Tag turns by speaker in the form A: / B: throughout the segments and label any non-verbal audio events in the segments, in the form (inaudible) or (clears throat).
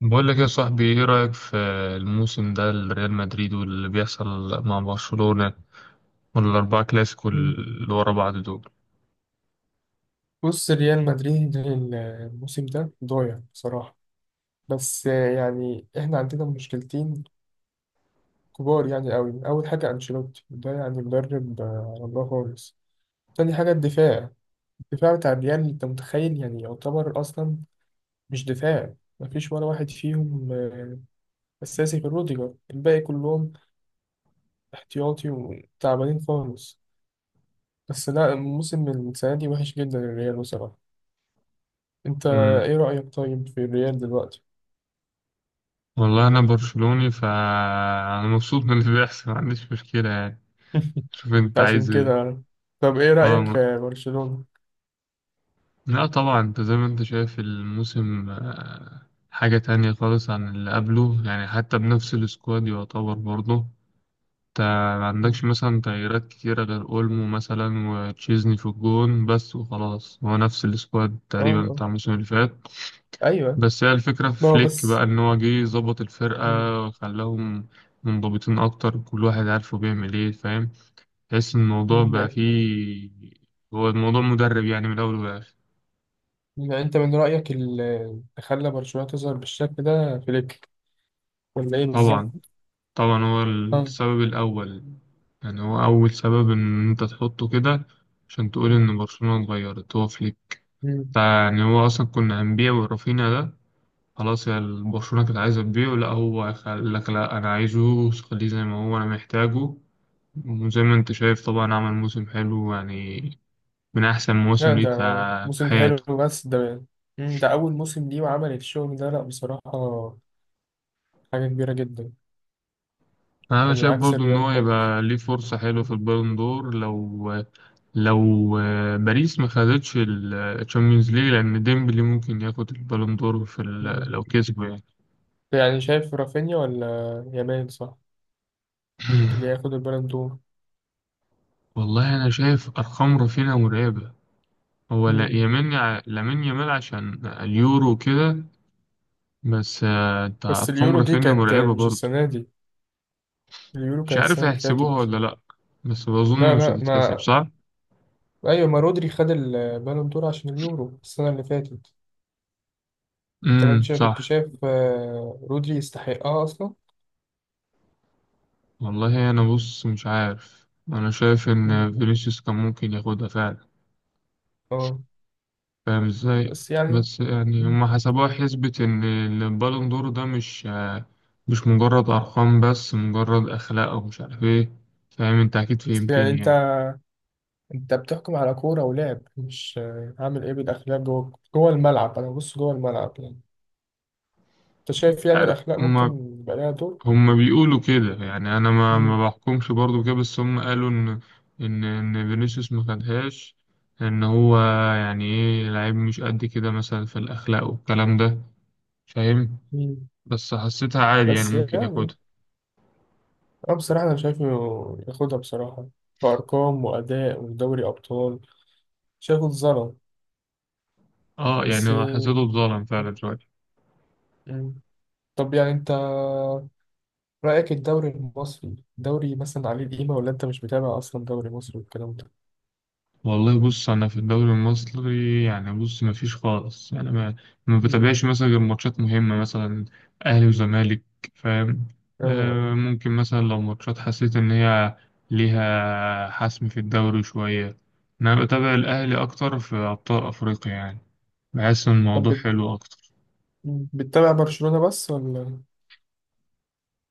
A: بقول لك يا صاحبي، ايه رأيك في الموسم ده لريال مدريد واللي بيحصل مع برشلونة والأربعة كلاسيكو
B: مم.
A: اللي ورا بعض دول؟
B: بص، ريال مدريد الموسم ده ضايع بصراحة، بس يعني احنا عندنا مشكلتين كبار يعني قوي. أول حاجة أنشيلوتي ده يعني مدرب على الله خالص. تاني حاجة الدفاع بتاع الريال، أنت متخيل؟ يعني يعتبر أصلا مش دفاع. مفيش ولا واحد فيهم أساسي غير روديجر، الباقي كلهم احتياطي وتعبانين خالص. بس لا، الموسم السنة دي وحش جدا الريال بصراحة. أنت
A: امم
B: إيه رأيك طيب في الريال دلوقتي؟
A: والله انا برشلوني فانا مبسوط من اللي بيحصل، ما عنديش مشكلة يعني.
B: (laughs)
A: شوف انت
B: عشان
A: عايز ايه.
B: كده. طب ايه
A: اه
B: رأيك
A: ما-
B: في برشلونة؟
A: لا طبعا، انت زي ما انت شايف الموسم حاجة تانية خالص عن اللي قبله، يعني حتى بنفس السكواد يعتبر برضه. انت ما عندكش
B: مم.
A: مثلا تغييرات كتيرة غير اولمو مثلا وتشيزني في الجون بس، وخلاص هو نفس السكواد
B: اه
A: تقريبا
B: اه.
A: بتاع الموسم اللي فات.
B: ايوه،
A: بس هي الفكرة في
B: ما هو
A: فليك بقى،
B: بس.
A: ان هو جه ظبط
B: مم.
A: الفرقة وخلاهم منضبطين اكتر، كل واحد عارفه بيعمل ايه، فاهم؟ تحس ان الموضوع بقى
B: لا.
A: فيه. هو الموضوع مدرب يعني، من الاول والاخر.
B: يعني انت من رأيك اللي خلى برشلونة تظهر بالشكل ده فليك، ولا ايه
A: طبعا.
B: بالظبط؟
A: طبعا هو
B: اه.
A: السبب الاول. يعني هو اول سبب ان انت تحطه كده عشان تقول ان برشلونة اتغيرت، هو فليك.
B: مم.
A: فيعني هو أصلا كنا هنبيع ورافينا ده، خلاص يا برشلونة كانت عايزة تبيعه. لأ، هو قال لك لأ أنا عايزه، خليه زي ما هو أنا محتاجه. وزي ما أنت شايف طبعا عمل موسم حلو، يعني من أحسن
B: لا
A: مواسم ليه في
B: ده
A: في
B: موسم حلو،
A: حياته.
B: بس ده ده أول موسم ليه وعمل الشغل ده، لا بصراحة حاجة كبيرة جدا.
A: أنا
B: يعني
A: شايف
B: عكس
A: برضو إن
B: الريال
A: هو
B: خالص.
A: يبقى ليه فرصة حلوة في البالون دور، لو باريس ما خدتش الشامبيونز ليج، لأن ديمبلي ممكن ياخد البالون دور في لو
B: مم.
A: كسبه يعني.
B: يعني شايف رافينيا، ولا يامال، صح، اللي هياخد
A: (clears throat)
B: البالون
A: والله أنا شايف أرقام رافينيا مرعبة. هو لا
B: دور؟
A: يمين لامين يامال عشان اليورو كده، بس انت
B: بس
A: ارقام
B: اليورو دي
A: رافينيا
B: كانت
A: مرعبه
B: مش
A: برضه.
B: السنة دي، اليورو
A: مش
B: كانت
A: عارف
B: السنة اللي
A: هيحسبوها
B: فاتت.
A: ولا لا، بس بظن
B: لا
A: مش
B: لا،
A: هتتحسب،
B: ما
A: صح.
B: أيوة، ما رودري خد البالون دور عشان اليورو السنة اللي فاتت. أنت كنت شايف،
A: صح.
B: رودري يستحقها أصلا؟
A: والله انا بص مش عارف، انا شايف
B: مم.
A: ان فينيسيوس كان ممكن ياخدها فعلا،
B: اه.
A: فاهم ازاي؟
B: بس يعني
A: بس يعني
B: مم.
A: هما حسبوها حسبة، ان البالون دور ده مش مجرد ارقام بس، مجرد اخلاق ومش عارف ايه، فاهم؟ انت اكيد
B: بس يعني
A: فهمتني
B: أنت
A: يعني.
B: أنت بتحكم على كورة ولعب، مش عامل إيه بالأخلاق، جوه جوه الملعب أنا ببص جوه الملعب يعني. أنت
A: مش
B: شايف يعني
A: عارف
B: الأخلاق
A: هما،
B: ممكن يبقى لها دور؟
A: هم بيقولوا كده، يعني انا ما
B: مم.
A: ما بحكمش برضو كده، بس هم قالوا ان ان فينيسيوس ما خدهاش، ان هو يعني ايه لعيب مش قد كده مثلا في الاخلاق والكلام ده، فاهم؟
B: مم.
A: بس حسيتها عادي يعني،
B: بس
A: ممكن
B: يعني
A: ياخدها.
B: أنا بصراحة أنا شايفه ياخدها بصراحة، كأرقام وأداء ودوري أبطال، شايفه اتظلم.
A: اه
B: بس
A: يعني حسيته اتظلم فعلا شوية.
B: مم. طب يعني أنت رأيك الدوري المصري دوري مثلا عليه القيمة، ولا أنت مش متابع أصلا دوري مصري والكلام ده؟
A: والله بص، انا في الدوري المصري يعني بص ما فيش خالص، يعني ما
B: مم.
A: بتابعش مثلا غير ماتشات مهمه مثلا، اهلي وزمالك، فاهم؟
B: آه آه.
A: آه ممكن مثلا لو ماتشات حسيت ان هي ليها حسم في الدوري شويه. انا بتابع الاهلي اكتر في ابطال افريقيا يعني، بحس ان
B: طب
A: الموضوع
B: بت...
A: حلو اكتر.
B: مم. بتتابع برشلونة بس، ولا؟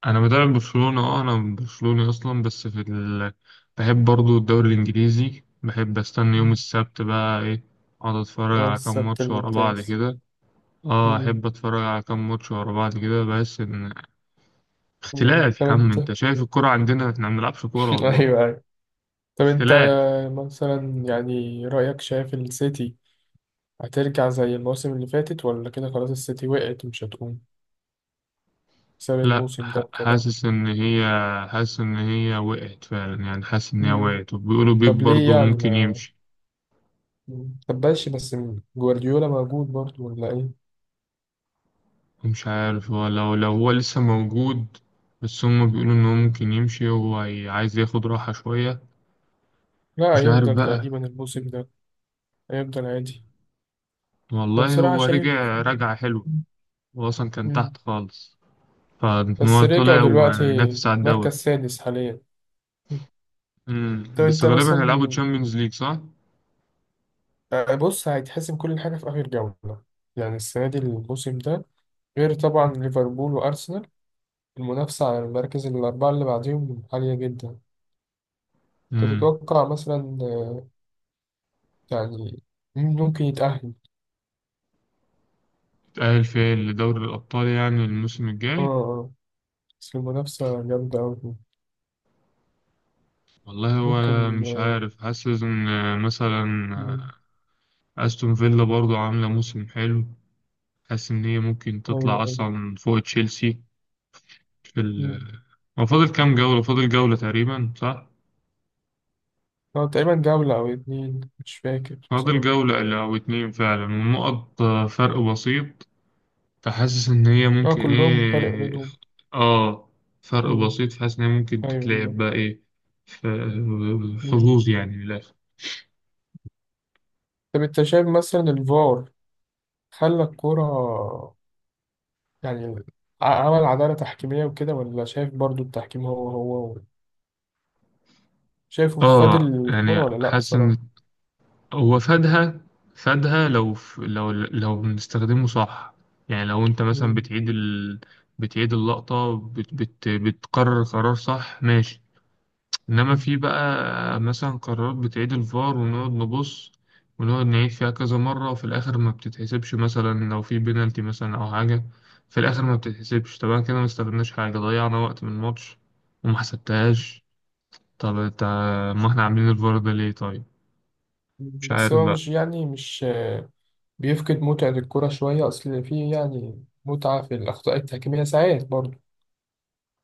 A: انا بتابع برشلونه، اه انا برشلوني اصلا، بس في بحب برضو الدوري الانجليزي، بحب استنى يوم
B: مم.
A: السبت بقى ايه، اقعد اتفرج
B: آه،
A: على كام
B: السبت
A: ماتش ورا بعض
B: الممتاز.
A: كده. اه
B: مم.
A: احب اتفرج على كام ماتش ورا بعض كده، بس ان
B: مم.
A: اختلاف يا
B: طب
A: عم،
B: أنت
A: انت
B: (laughs)
A: شايف الكرة عندنا احنا ما بنلعبش كورة
B: أيوه
A: والله،
B: أيوه. طب أنت
A: اختلاف.
B: مثلا، يعني رأيك، شايف السيتي هترجع زي الموسم اللي فاتت، ولا كده خلاص السيتي وقعت ومش هتقوم بسبب
A: لا
B: الموسم ده
A: ح-
B: وكده؟
A: حاسس ان هي، حاسس ان هي وقعت فعلا، يعني حاسس ان هي
B: مم.
A: وقعت، وبيقولوا
B: طب
A: بيب
B: ليه؟
A: برضه
B: يعني
A: ممكن
B: ما
A: يمشي.
B: طب ماشي، بس جوارديولا موجود برضه، ولا ايه؟
A: مش عارف، هو لو هو لسه موجود، بس هم بيقولوا ان هو ممكن يمشي، عايز ياخد راحة شوية،
B: لا
A: مش عارف
B: هيفضل
A: بقى.
B: تقريبا الموسم ده، هيفضل عادي. انا
A: والله
B: بصراحة
A: هو
B: شايف.
A: رجع رجعة حلوة، هو اصلا كان تحت
B: مم.
A: خالص، فان
B: بس
A: هو
B: رجعوا
A: طلع
B: دلوقتي
A: وينافس على
B: مركز
A: الدوري.
B: سادس حاليا. مم. طب
A: امم، بس
B: انت
A: غالبا هيلعبوا
B: مثلا
A: تشامبيونز ليج، صح؟
B: بص هيتحسم كل حاجة في آخر جولة. يعني السنة دي الموسم ده، غير طبعا ليفربول وأرسنال، المنافسة على المراكز الأربعة اللي بعديهم عالية جدا.
A: امم،
B: تتوقع مثلا يعني مين ممكن يتأهل؟
A: تأهل فيها لدوري الأبطال يعني الموسم
B: اه
A: الجاي.
B: اه. بس المنافسة جامدة أوي.
A: والله هو
B: ممكن
A: مش عارف، حاسس إن مثلا
B: مم،
A: أستون فيلا برضو عاملة موسم حلو، حاسس إن هي ممكن
B: أيوة
A: تطلع
B: أيوة.
A: أصلا فوق تشيلسي في
B: مم.
A: هو فاضل كام جولة؟ فاضل جولة تقريبا، صح؟
B: تقريبا جولة أو 2 مش فاكر
A: فاضل
B: بصراحة.
A: جولة أو اتنين فعلا، والنقط فرق بسيط، فحاسس إن هي
B: اه
A: ممكن
B: كلهم فرق
A: إيه،
B: بينهم.
A: آه فرق
B: مم،
A: بسيط، فحاسس إن هي ممكن
B: أيوة
A: تتلعب
B: بالظبط.
A: بقى إيه، ف-
B: مم.
A: حظوظ يعني من الآخر.
B: طب أنت شايف مثلا الفار خلى الكورة، يعني عمل عدالة تحكيمية وكده، ولا شايف برضو التحكيم هو شايفه فادي
A: آه
B: الكورة،
A: يعني
B: ولا لأ
A: حاسس إن
B: بصراحة؟
A: هو فادها، فادها لو بنستخدمه صح، يعني لو أنت مثلا
B: مم.
A: بتعيد بتعيد اللقطة، بتقرر قرار صح، ماشي. انما
B: مم.
A: في بقى مثلا قرارات بتعيد الفار ونقعد نبص، ونقعد نعيد فيها كذا مرة، وفي الاخر ما بتتحسبش، مثلا لو في بينالتي مثلا او حاجة في الاخر ما بتتحسبش طبعا، كده ما استفدناش حاجة، ضيعنا وقت من الماتش وما حسبتهاش. طب انت، ما احنا عاملين الفار ده ليه طيب؟ مش
B: بس
A: عارف
B: هو
A: بقى.
B: مش يعني مش بيفقد متعة الكرة شوية، أصل في يعني متعة في الأخطاء التحكيمية ساعات برضه.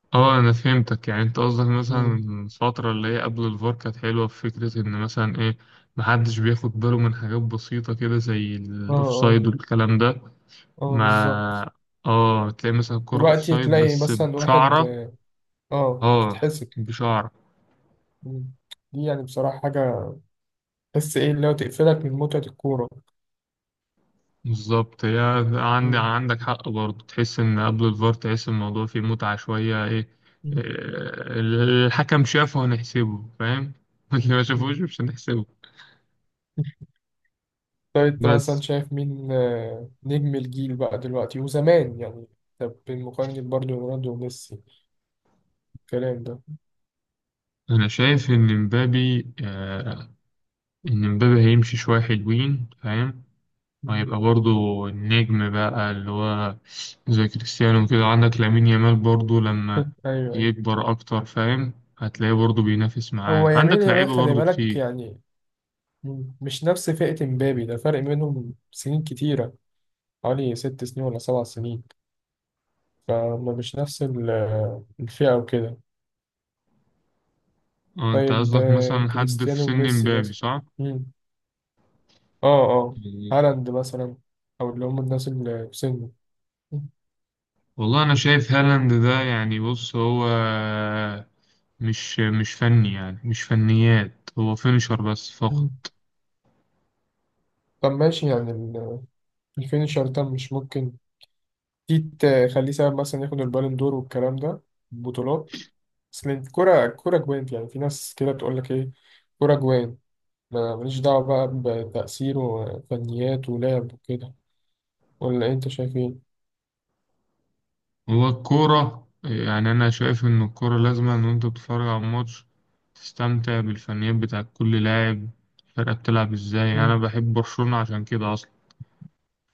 A: اه انا فهمتك، يعني انت قصدك مثلا
B: مم.
A: الفترة اللي هي قبل الفار كانت حلوة في فكرة ان مثلا ايه، محدش بياخد باله من حاجات بسيطة كده زي
B: اه
A: الأوفسايد
B: اه.
A: والكلام ده.
B: اه
A: ما
B: بالظبط.
A: اه تلاقي مثلا كرة
B: دلوقتي
A: اوفسايد
B: تلاقي
A: بس
B: مثلا واحد
A: بشعرة،
B: اه
A: اه
B: تتحسب.
A: بشعرة
B: مم. دي يعني بصراحة حاجة تحس ايه اللي هو تقفلك من متعة الكورة.
A: بالظبط، هي عندي
B: مم.
A: عندك حق برضه، تحس ان قبل الفار تحس الموضوع فيه متعة شوية ايه، آه،
B: مم.
A: الحكم شافه هنحسبه، فاهم؟ (laughs) اللي ما
B: مم.
A: شافوش مش هنحسبه.
B: طب انت مثلا
A: بس
B: شايف مين نجم الجيل بقى دلوقتي وزمان يعني، طب بالمقارنة برضه رونالدو وميسي الكلام ده؟
A: انا شايف ان مبابي، آه ان مبابي هيمشي شوية حلوين، فاهم؟
B: مم.
A: وهيبقى برضو النجم بقى اللي هو زي كريستيانو كده، عندك لامين يامال برضو لما
B: (laughs) ايوه.
A: يكبر أكتر، فاهم؟ هتلاقيه برضو بينافس
B: هو
A: معاه،
B: يمين
A: عندك
B: يامال
A: لعيبة
B: خلي
A: برضو
B: بالك
A: كتير.
B: يعني، مش نفس فئة مبابي، ده فرق بينهم سنين كتيرة، حوالي 6 سنين ولا 7 سنين. فما مش نفس الفئة وكده.
A: اه انت
B: طيب
A: قصدك مثلا حد في
B: كريستيانو
A: سن
B: وميسي
A: مبابي،
B: مثلا.
A: صح؟
B: مم. اه اه.
A: يعني
B: هالاند مثلا، أو اللي هم الناس اللي في سنه.
A: والله أنا شايف هالاند ده يعني بص، هو مش فني، يعني مش فنيات، هو فينشر بس
B: مم.
A: فقط.
B: طب ماشي يعني الفينشر ده مش ممكن في تخليه سبب مثلا ياخد البالون دور والكلام ده، بطولات، اصل الكرة جوانت. يعني في ناس كده تقول لك ايه، كرة جوان، ما ماليش دعوة بقى بتأثير وفنيات ولعب وكده، ولا انت شايف ايه؟
A: هو الكورة يعني أنا شايف إن الكورة لازم إن أنت بتتفرج على الماتش، تستمتع بالفنيات بتاع كل لاعب، الفرقة بتلعب إزاي. أنا
B: مم.
A: بحب برشلونة عشان كده أصلا.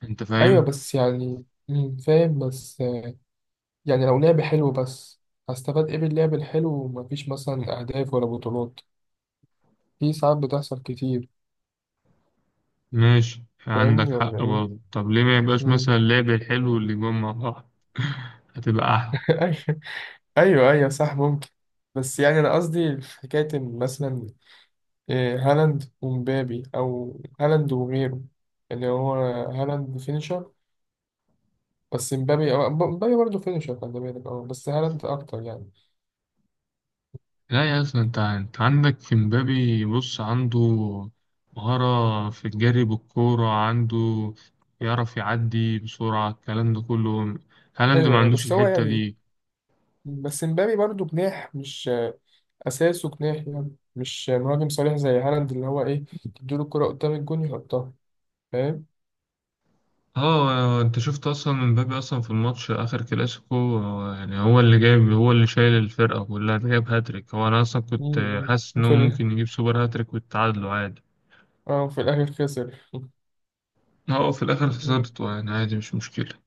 A: أنت
B: ايوه،
A: فاهم؟
B: بس يعني مم، فاهم، بس يعني لو لعب حلو بس، هستفاد ايه باللعب الحلو ومفيش مثلا اهداف ولا بطولات، في ساعات بتحصل كتير.
A: ماشي عندك
B: فاهمني، ولا
A: حق
B: ايه؟
A: برضه، طب ليه ما يبقاش مثلا
B: مم.
A: اللعب الحلو اللي جوه مع بعض، (laughs) هتبقى أحلى.
B: (laughs) ايوه ايوه صح، ممكن. بس يعني انا قصدي في حكايه إن مثلا إيه، هالاند ومبابي، او هالاند وغيره، اللي هو هالاند فينيشر، بس مبابي، مبابي برضه فينيشر، خلي بالك، اه، بس هالاند اكتر يعني.
A: لا يا أصلا، أنت أنت عندك في مبابي بص، عنده مهارة في الجري بالكورة، عنده يعرف يعدي بسرعة الكلام ده كله، هالاند ما
B: ايوه ايوه.
A: عندوش
B: بس هو
A: الحتة
B: يعني
A: دي.
B: بس مبابي برضه جناح، مش اساسه جناح يعني، مش مهاجم صريح زي هالاند، اللي هو ايه، تديله الكره قدام الجون يحطها. فاهم.
A: اه انت شفت اصلا مبابي اصلا في الماتش اخر كلاسيكو، يعني هو اللي جايب، هو اللي شايل الفرقه كلها، ده جايب هاتريك، هو انا اصلا
B: م-
A: كنت
B: م.
A: حاسس انه
B: وفي ال...
A: ممكن يجيب سوبر هاتريك ويتعادلوا عادي.
B: اه، وفي الاخر خسر.
A: اه، هو في الاخر
B: (laughs)
A: خسرته يعني عادي مش مشكله.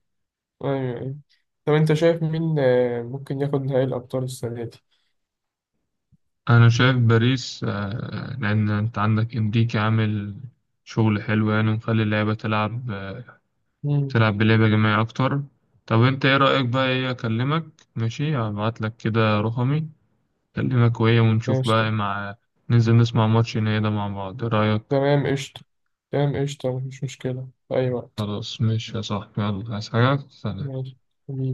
B: أيوه أيوه. طب أنت شايف مين ممكن ياخد نهائي الأبطال السنة دي؟
A: انا شايف باريس، لان انت عندك انريكي عامل شغل حلو يعني، ومخلي اللعيبه تلعب،
B: مم.
A: تلعب بلعبه جماعيه اكتر. طب انت ايه رايك بقى، ايه اكلمك، ماشي هبعت لك كده رقمي، أكلمك وهي ونشوف
B: ماشي.
A: بقى مع، ننزل نسمع ماتش النهائي ده مع بعض، إيه رأيك؟
B: تمام قشطة. تمام قشطة. مفيش مشكلة في أي وقت.
A: خلاص ماشي يا صاحبي، يلا عايز حاجة؟ سلام.
B: ماشي